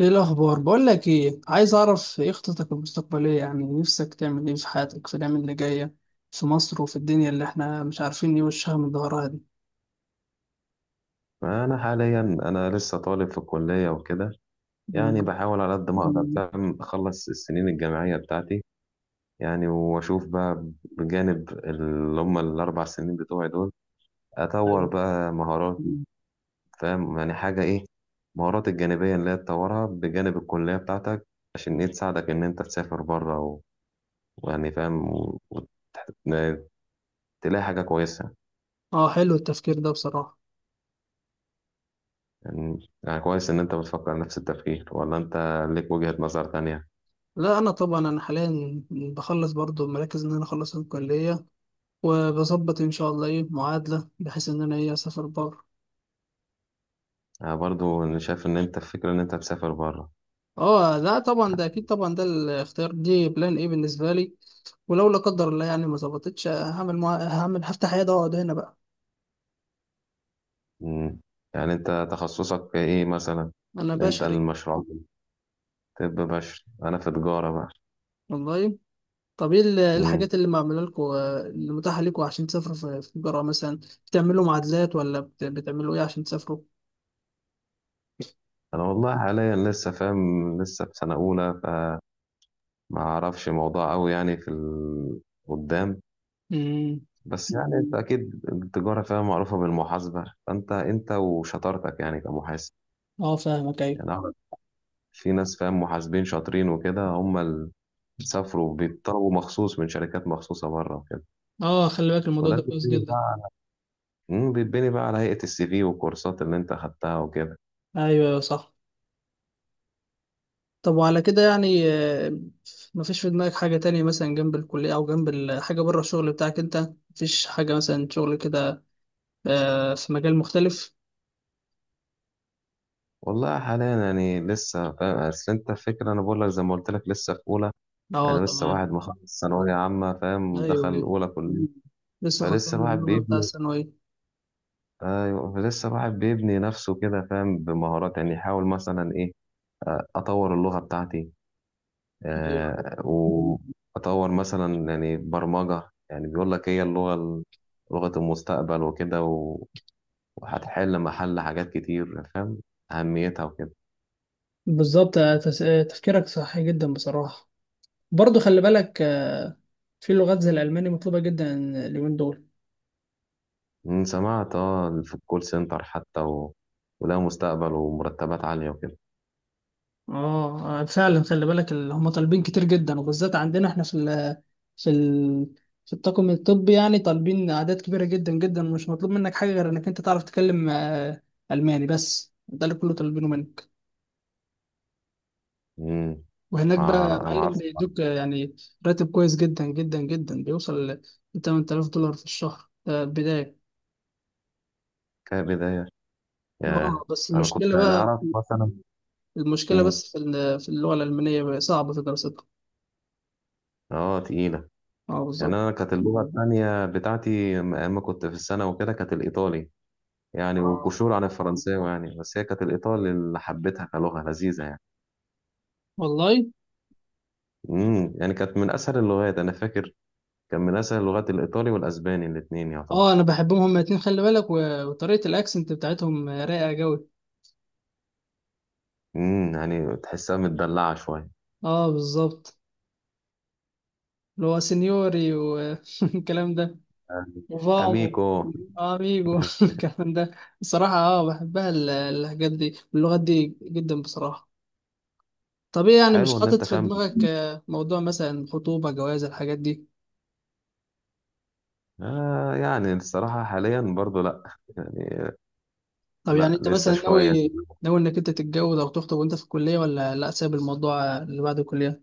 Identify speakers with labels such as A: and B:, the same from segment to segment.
A: ايه الاخبار؟ بقول لك ايه، عايز اعرف ايه خططك المستقبليه، يعني نفسك تعمل ايه في حياتك في الايام اللي جايه في مصر وفي الدنيا اللي احنا مش عارفين ايه وشها من ظهرها دي.
B: انا حاليا لسه طالب في الكليه وكده. يعني
A: مم.
B: بحاول على قد ما اقدر، فاهم، اخلص السنين الجامعيه بتاعتي، يعني، واشوف بقى. بجانب اللي هم الاربع سنين بتوعي دول، اطور
A: ايوه.
B: بقى مهاراتي، فاهم، يعني حاجه ايه؟ مهارات الجانبيه اللي هي تطورها بجانب الكليه بتاعتك، عشان ايه تساعدك ان انت تسافر بره و... ويعني، فاهم، وتلاقي حاجه كويسه.
A: اه، حلو التفكير ده بصراحه.
B: يعني كويس ان انت بتفكر نفس التفكير، ولا انت ليك وجهه نظر تانية؟
A: لا انا طبعا حاليا بخلص برضو، مركز ان انا اخلص الكليه وبظبط ان شاء الله ايه معادله بحيث ان انا ايه اسافر بره.
B: أنا برضو شايف إن أنت الفكرة إن أنت تسافر بره.
A: اه لا طبعا، ده اكيد طبعا، ده الاختيار دي بلان ايه بالنسبه لي. ولو لا قدر الله يعني ما ظبطتش، هعمل، هفتح عياده واقعد هنا بقى.
B: مم. يعني أنت تخصصك إيه مثلا؟
A: انا
B: أنت
A: بشري.
B: المشروع. طب بشري، أنا في تجارة بقى.
A: والله. طب ايه إيه
B: مم.
A: الحاجات اللي معموله لكم، اللي متاحه لكم عشان تسافروا في الجرة مثلا؟ بتعملوا معادلات ولا بتعملوا ايه عشان تسافروا؟
B: أنا والله حاليا لسه فاهم، لسه في سنة أولى، فما أعرفش موضوع أوي، يعني في ال- قدام.
A: امم.
B: بس يعني أنت أكيد التجارة، فاهم، معروفة بالمحاسبة، فأنت أنت وشطارتك يعني كمحاسب.
A: اه فاهمك، ايوه.
B: يعني أعرف في ناس، فاهم، محاسبين شاطرين وكده، هم اللي سافروا، بيطلبوا مخصوص من شركات مخصوصة بره وكده.
A: اه خلي بالك، الموضوع
B: وده
A: ده كويس
B: بيتبني بقى
A: جدا.
B: على بيتبني بقى على هيئة السي في والكورسات اللي انت خدتها وكده.
A: ايوه أيوة، صح. طب وعلى كده يعني، مفيش في دماغك حاجة تانية مثلا جنب الكلية أو جنب حاجة بره الشغل بتاعك أنت؟ مفيش حاجة مثلا شغل كده، في مجال مختلف؟
B: والله حاليا يعني لسه، فاهم، اصل انت الفكرة انا بقول لك، زي ما قلت لك، لسه في اولى.
A: أه
B: انا لسه
A: تمام.
B: واحد مخلص ثانوية عامة، فاهم،
A: أيوه
B: دخل
A: أيوه.
B: اولى كلية.
A: لسه خلصان
B: فلسه
A: من
B: الواحد
A: الجامعة بتاع
B: بيبني.
A: الثانوية.
B: ايوه، فلسه الواحد بيبني نفسه كده، فاهم، بمهارات، يعني يحاول مثلا ايه. اطور اللغة بتاعتي.
A: أيوه
B: آه، واطور مثلا يعني برمجة، يعني بيقول لك هي اللغة لغة المستقبل وكده، وهتحل محل حاجات كتير، فاهم أهميتها وكده.
A: بالظبط. تفكيرك صحيح جدا بصراحة. برضو خلي بالك، في لغات زي الألماني مطلوبة جدا اليومين دول.
B: سمعت، اه، في الكول سنتر حتى و... وده مستقبل ومرتبات عالية وكده.
A: اه، فعلا خلي بالك، اللي هم طالبين كتير جدا، وبالذات عندنا احنا في ال في ال في الطاقم الطبي يعني طالبين أعداد كبيرة جدا جدا. ومش مطلوب منك حاجة غير إنك أنت تعرف تتكلم ألماني، بس ده اللي كله طالبينه منك.
B: أمم.
A: وهناك بقى
B: ما
A: معلم
B: أعرفش.
A: بيدوك يعني راتب كويس جدا جدا جدا، بيوصل ل 8000 دولار في الشهر، بداية.
B: كبداية. ياه.
A: اه بس
B: أنا كنت
A: المشكلة
B: أنا
A: بقى،
B: أعرف مثلا.
A: المشكلة
B: أمم.
A: بس في في اللغة الألمانية بقى صعبة في دراستها.
B: اه، تقيلة.
A: اه
B: يعني
A: بالظبط.
B: أنا كانت اللغة التانية بتاعتي أيام ما كنت في السنة وكده كانت الإيطالي، يعني
A: اه.
B: وكشور عن الفرنساوي يعني، بس هي كانت الإيطالي اللي حبيتها كلغة لذيذة يعني.
A: والله.
B: امم، يعني كانت من اسهل اللغات انا فاكر. كان من اسهل اللغات الايطالي والاسباني الاثنين يعتبر.
A: اه انا بحبهم هما الاتنين خلي بالك، وطريقة الاكسنت بتاعتهم رايقة جوي.
B: امم، يعني تحسها متدلعه شويه.
A: اه بالظبط. اللي هو سينيوري والكلام ده.
B: يعني
A: وفامو.
B: اميكو.
A: اميجو الكلام ده. بصراحة اه بحبها الحاجات دي واللغات دي جدا بصراحة. طب ايه يعني،
B: حلو
A: مش
B: ان
A: حاطط
B: انت
A: في
B: فاهم.
A: دماغك موضوع مثلا خطوبة، جواز، الحاجات دي؟
B: يعني الصراحه حاليا برضو لا. يعني
A: طب يعني
B: لا،
A: انت
B: لسه
A: مثلا
B: شويه.
A: ناوي، انك انت تتجوز او تخطب وانت في الكليه، ولا لا، سايب الموضوع اللي بعد الكليه؟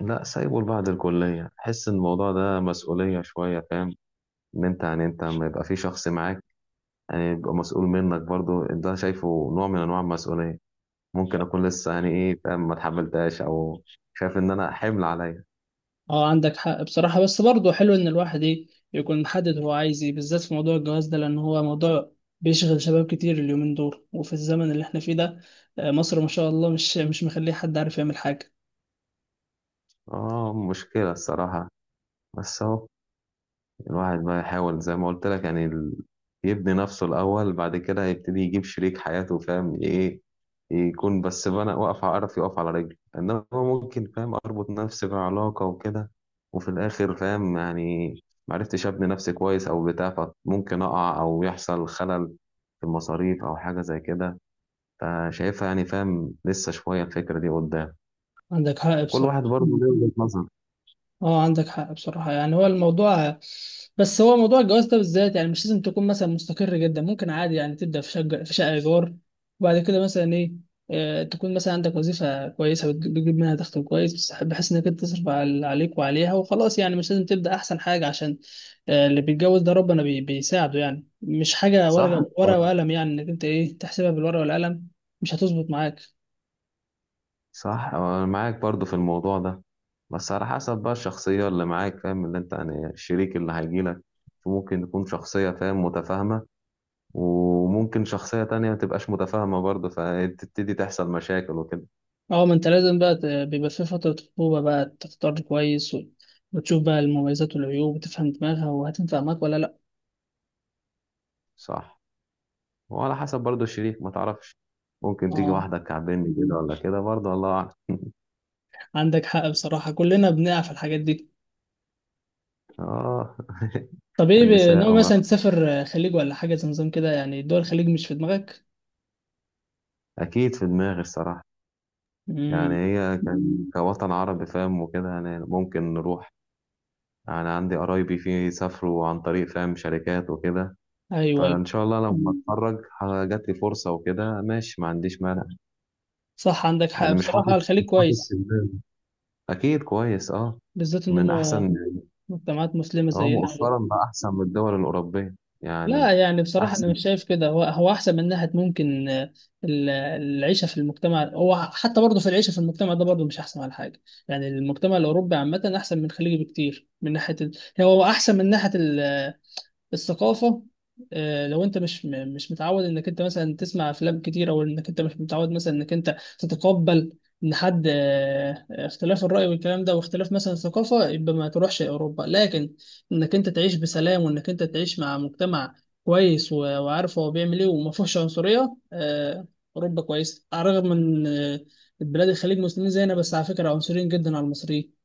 B: لا، سايبه لبعد الكليه. حس ان الموضوع ده مسؤوليه شويه، فاهم. ان انت يعني انت لما يبقى في شخص معاك يعني، يبقى مسؤول منك برضو، ده شايفه نوع من انواع المسؤوليه. ممكن اكون لسه، يعني ايه، فاهم، ما اتحملتهاش، او شايف ان انا حمل عليا.
A: اه عندك حق بصراحة، بس برضه حلو ان الواحد ايه يكون محدد هو عايز ايه بالذات في موضوع الجواز ده، لان هو موضوع بيشغل شباب كتير اليومين دول وفي الزمن اللي احنا فيه ده. مصر ما شاء الله مش مخليه حد عارف يعمل حاجة.
B: اه، مشكله الصراحه. بس اهو الواحد بقى يحاول زي ما قلت لك، يعني ال- يبني نفسه الأول، بعد كده هيبتدي يجيب شريك حياته، فاهم إيه. يكون بس بنا واقف، عارف يقف على رجله، إنما ممكن، فاهم، أربط نفسي بعلاقة وكده، وفي الآخر، فاهم يعني، معرفتش أبني نفسي كويس أو بتاع، فممكن أقع أو يحصل خلل في المصاريف أو حاجة زي كده. فشايفها، يعني فاهم، لسه شوية الفكرة دي قدام.
A: عندك حق
B: وكل واحد
A: بصراحة.
B: برضه له وجهة نظر.
A: اه عندك حق بصراحة، يعني هو الموضوع، بس هو موضوع الجواز ده بالذات يعني مش لازم تكون مثلا مستقر جدا، ممكن عادي يعني تبدأ في شقة، في شقة إيجار، وبعد كده مثلا إيه، تكون مثلا عندك وظيفة كويسة بتجيب منها دخل كويس، بس بحيث إنك أنت تصرف عليك وعليها وخلاص. يعني مش لازم تبدأ أحسن حاجة، عشان اللي بيتجوز ده ربنا بيساعده، يعني مش حاجة
B: صح؟
A: ورقة ورقة وقلم، يعني إنك أنت إيه تحسبها بالورقة والقلم. مش هتظبط معاك.
B: صح، انا معاك برضو في الموضوع ده. بس على حسب بقى الشخصية اللي معاك، فاهم، اللي انت يعني الشريك اللي هيجيلك. ممكن تكون شخصية، فاهم، متفاهمة، وممكن شخصية تانية ما تبقاش متفاهمة برضه، فتبتدي تحصل مشاكل وكده.
A: اه ما انت لازم بقى بيبقى في فترة خطوبة بقى تختار كويس، وتشوف بقى المميزات والعيوب، وتفهم دماغها وهتنفع معاك ولا لا.
B: صح. وعلى حسب برضه الشريك ما تعرفش، ممكن تيجي
A: اه
B: واحدة كعبني كده ولا كده، برضه الله أعلم.
A: عندك حق بصراحة، كلنا بنقع في الحاجات دي.
B: اه.
A: طب ايه
B: النساء
A: ناوي
B: وما
A: مثلا تسافر خليج ولا حاجة زي نظام كده يعني؟ دول الخليج مش في دماغك؟
B: أكيد في دماغي الصراحة. يعني
A: امم.
B: هي كوطن عربي، فاهم وكده، يعني ممكن نروح. انا عندي قرايبي في، سافروا عن طريق، فاهم، شركات وكده.
A: ايوه ايوه.
B: فان شاء الله لما مم. اتخرج، جات لي فرصه وكده، ماشي، ما عنديش مانع.
A: صح عندك حق
B: يعني مش
A: بصراحة،
B: حاطط
A: الخليج
B: مش حاطط في
A: كويس،
B: دماغي. اكيد كويس، اه،
A: بالذات ان
B: ومن
A: هم
B: احسن.
A: مجتمعات مسلمة
B: اه،
A: زينا.
B: مؤخرا بقى احسن من الدول الاوروبيه يعني.
A: لا يعني بصراحة أنا
B: احسن.
A: مش شايف كده، هو أحسن من ناحية ممكن، العيشة في المجتمع. هو حتى برضه في العيشة في المجتمع ده برضه مش أحسن على حاجة يعني. المجتمع الأوروبي عامة أحسن من الخليجي بكتير من ناحية ال... هو أحسن من ناحية الثقافة. لو انت مش متعود انك انت مثلا تسمع افلام كتير، او انك انت مش متعود مثلا انك انت تتقبل ان حد اختلاف الرأي والكلام ده واختلاف مثلا الثقافة، يبقى ما تروحش اوروبا. لكن انك انت تعيش بسلام وانك انت تعيش مع مجتمع كويس، وعارف هو بيعمل ايه وما فيهوش عنصرية، اوروبا كويس. على الرغم من البلاد الخليج مسلمين زينا، بس على فكرة عنصريين جدا على المصريين.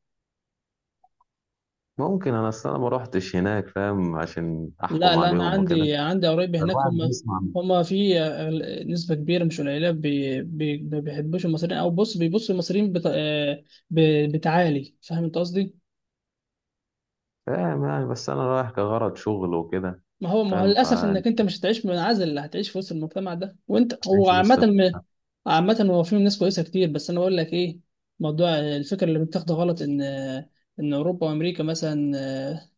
B: ممكن، انا اصل انا ما روحتش هناك، فاهم، عشان
A: لا
B: احكم
A: لا انا
B: عليهم وكده.
A: عندي قرايبي هناك.
B: فالواحد
A: هم،
B: بيسمع،
A: هم في نسبه كبيره مش قليله، ما بيحبوش المصريين، او بص بيبصوا المصريين بتعالي، فاهم انت قصدي.
B: فاهم يعني، بس انا رايح كغرض شغل وكده،
A: ما هو ما هو
B: فاهم.
A: للاسف
B: فانت
A: انك انت مش هتعيش منعزل، هتعيش في وسط المجتمع ده وانت هو
B: هتعيش
A: عامه
B: وسط الناس،
A: عامه. هو في ناس كويسه كتير، بس انا بقول لك ايه، موضوع الفكره اللي متاخده غلط ان ان اوروبا وامريكا مثلا،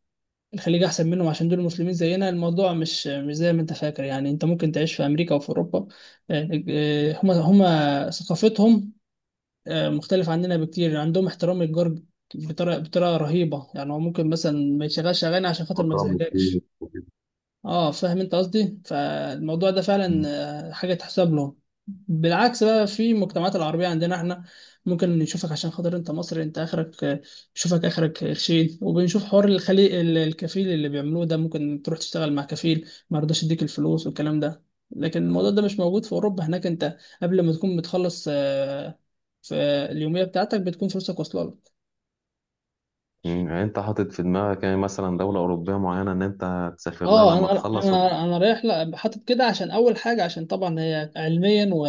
A: الخليج احسن منهم عشان دول مسلمين زينا، الموضوع مش زي ما انت فاكر. يعني انت ممكن تعيش في امريكا او في اوروبا، هما ثقافتهم مختلفة عننا بكتير. عندهم احترام الجار بطريقة رهيبة، يعني هو ممكن مثلا ما يشغلش اغاني عشان خاطر ما
B: وكرم الضيف
A: يزعجكش.
B: وكده.
A: اه فاهم انت قصدي، فالموضوع ده فعلا حاجه تحسب لهم. بالعكس بقى في المجتمعات العربيه عندنا احنا، ممكن نشوفك عشان خاطر انت مصري، انت اخرك نشوفك اخرك خشين، وبنشوف حوار الخلي الكفيل اللي بيعملوه ده، ممكن تروح تشتغل مع كفيل ما يرضاش يديك الفلوس والكلام ده. لكن الموضوع ده مش موجود في اوروبا، هناك انت قبل ما تكون بتخلص آه، في اليوميه بتاعتك بتكون فلوسك واصله لك.
B: مم، يعني انت حاطط في دماغك يعني مثلا دولة أوروبية معينة إن أنت تسافر لها
A: اه
B: لما
A: انا
B: تخلص؟ وأكيد
A: انا انا رايح، لا حاطط كده، عشان اول حاجه عشان طبعا هي علميا و...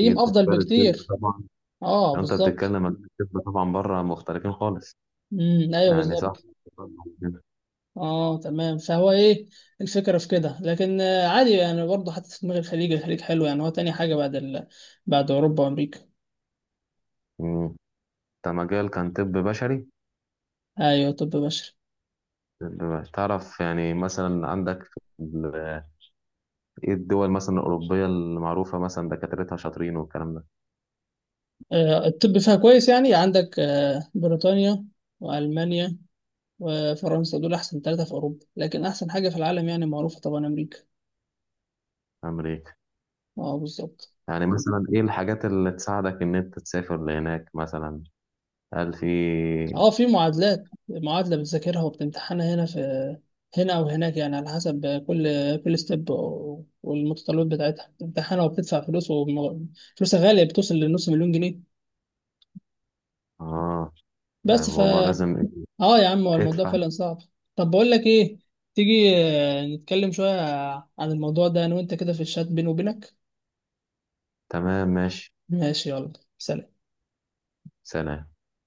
B: في
A: افضل
B: مجال الطب
A: بكتير.
B: طبعا.
A: اه
B: يعني أنت
A: بالظبط.
B: بتتكلم عن الطب، طبعا بره مختلفين خالص،
A: ايوه
B: يعني صح.
A: بالظبط. اه تمام، فهو ايه الفكره في كده. لكن عادي يعني برضه حتى في دماغ الخليج، الخليج حلو، يعني هو تاني حاجه بعد ال... بعد اوروبا وامريكا.
B: مم، أنت مجال كان طب بشري.
A: ايوه طب بشري.
B: تعرف يعني مثلا عندك في ال- إيه الدول مثلا الأوروبية المعروفة مثلا دكاترتها شاطرين والكلام ده؟
A: آه الطب فيها كويس يعني، عندك آه بريطانيا، والمانيا، وفرنسا، دول احسن ثلاثه في اوروبا. لكن احسن حاجه في العالم يعني معروفه طبعا امريكا.
B: أمريكا.
A: اه بالظبط.
B: يعني مثلا إيه الحاجات اللي تساعدك إن أنت تسافر لهناك مثلا؟ هل في؟
A: اه في معادلات، معادلة بتذاكرها وبتمتحنها هنا في او هناك، يعني على حسب كل ستيب والمتطلبات بتاعتها، بتمتحنها وبتدفع فلوس، فلوسها غالية بتوصل لنص مليون جنيه،
B: آه، يعني
A: بس فا...
B: الموضوع لازم
A: اه يا عم هو الموضوع
B: ادفع.
A: فعلا صعب. طب بقول لك ايه، تيجي نتكلم شوية عن الموضوع ده انا وانت كده في الشات بيني وبينك.
B: تمام، ماشي.
A: ماشي يلا، سلام.
B: سلام.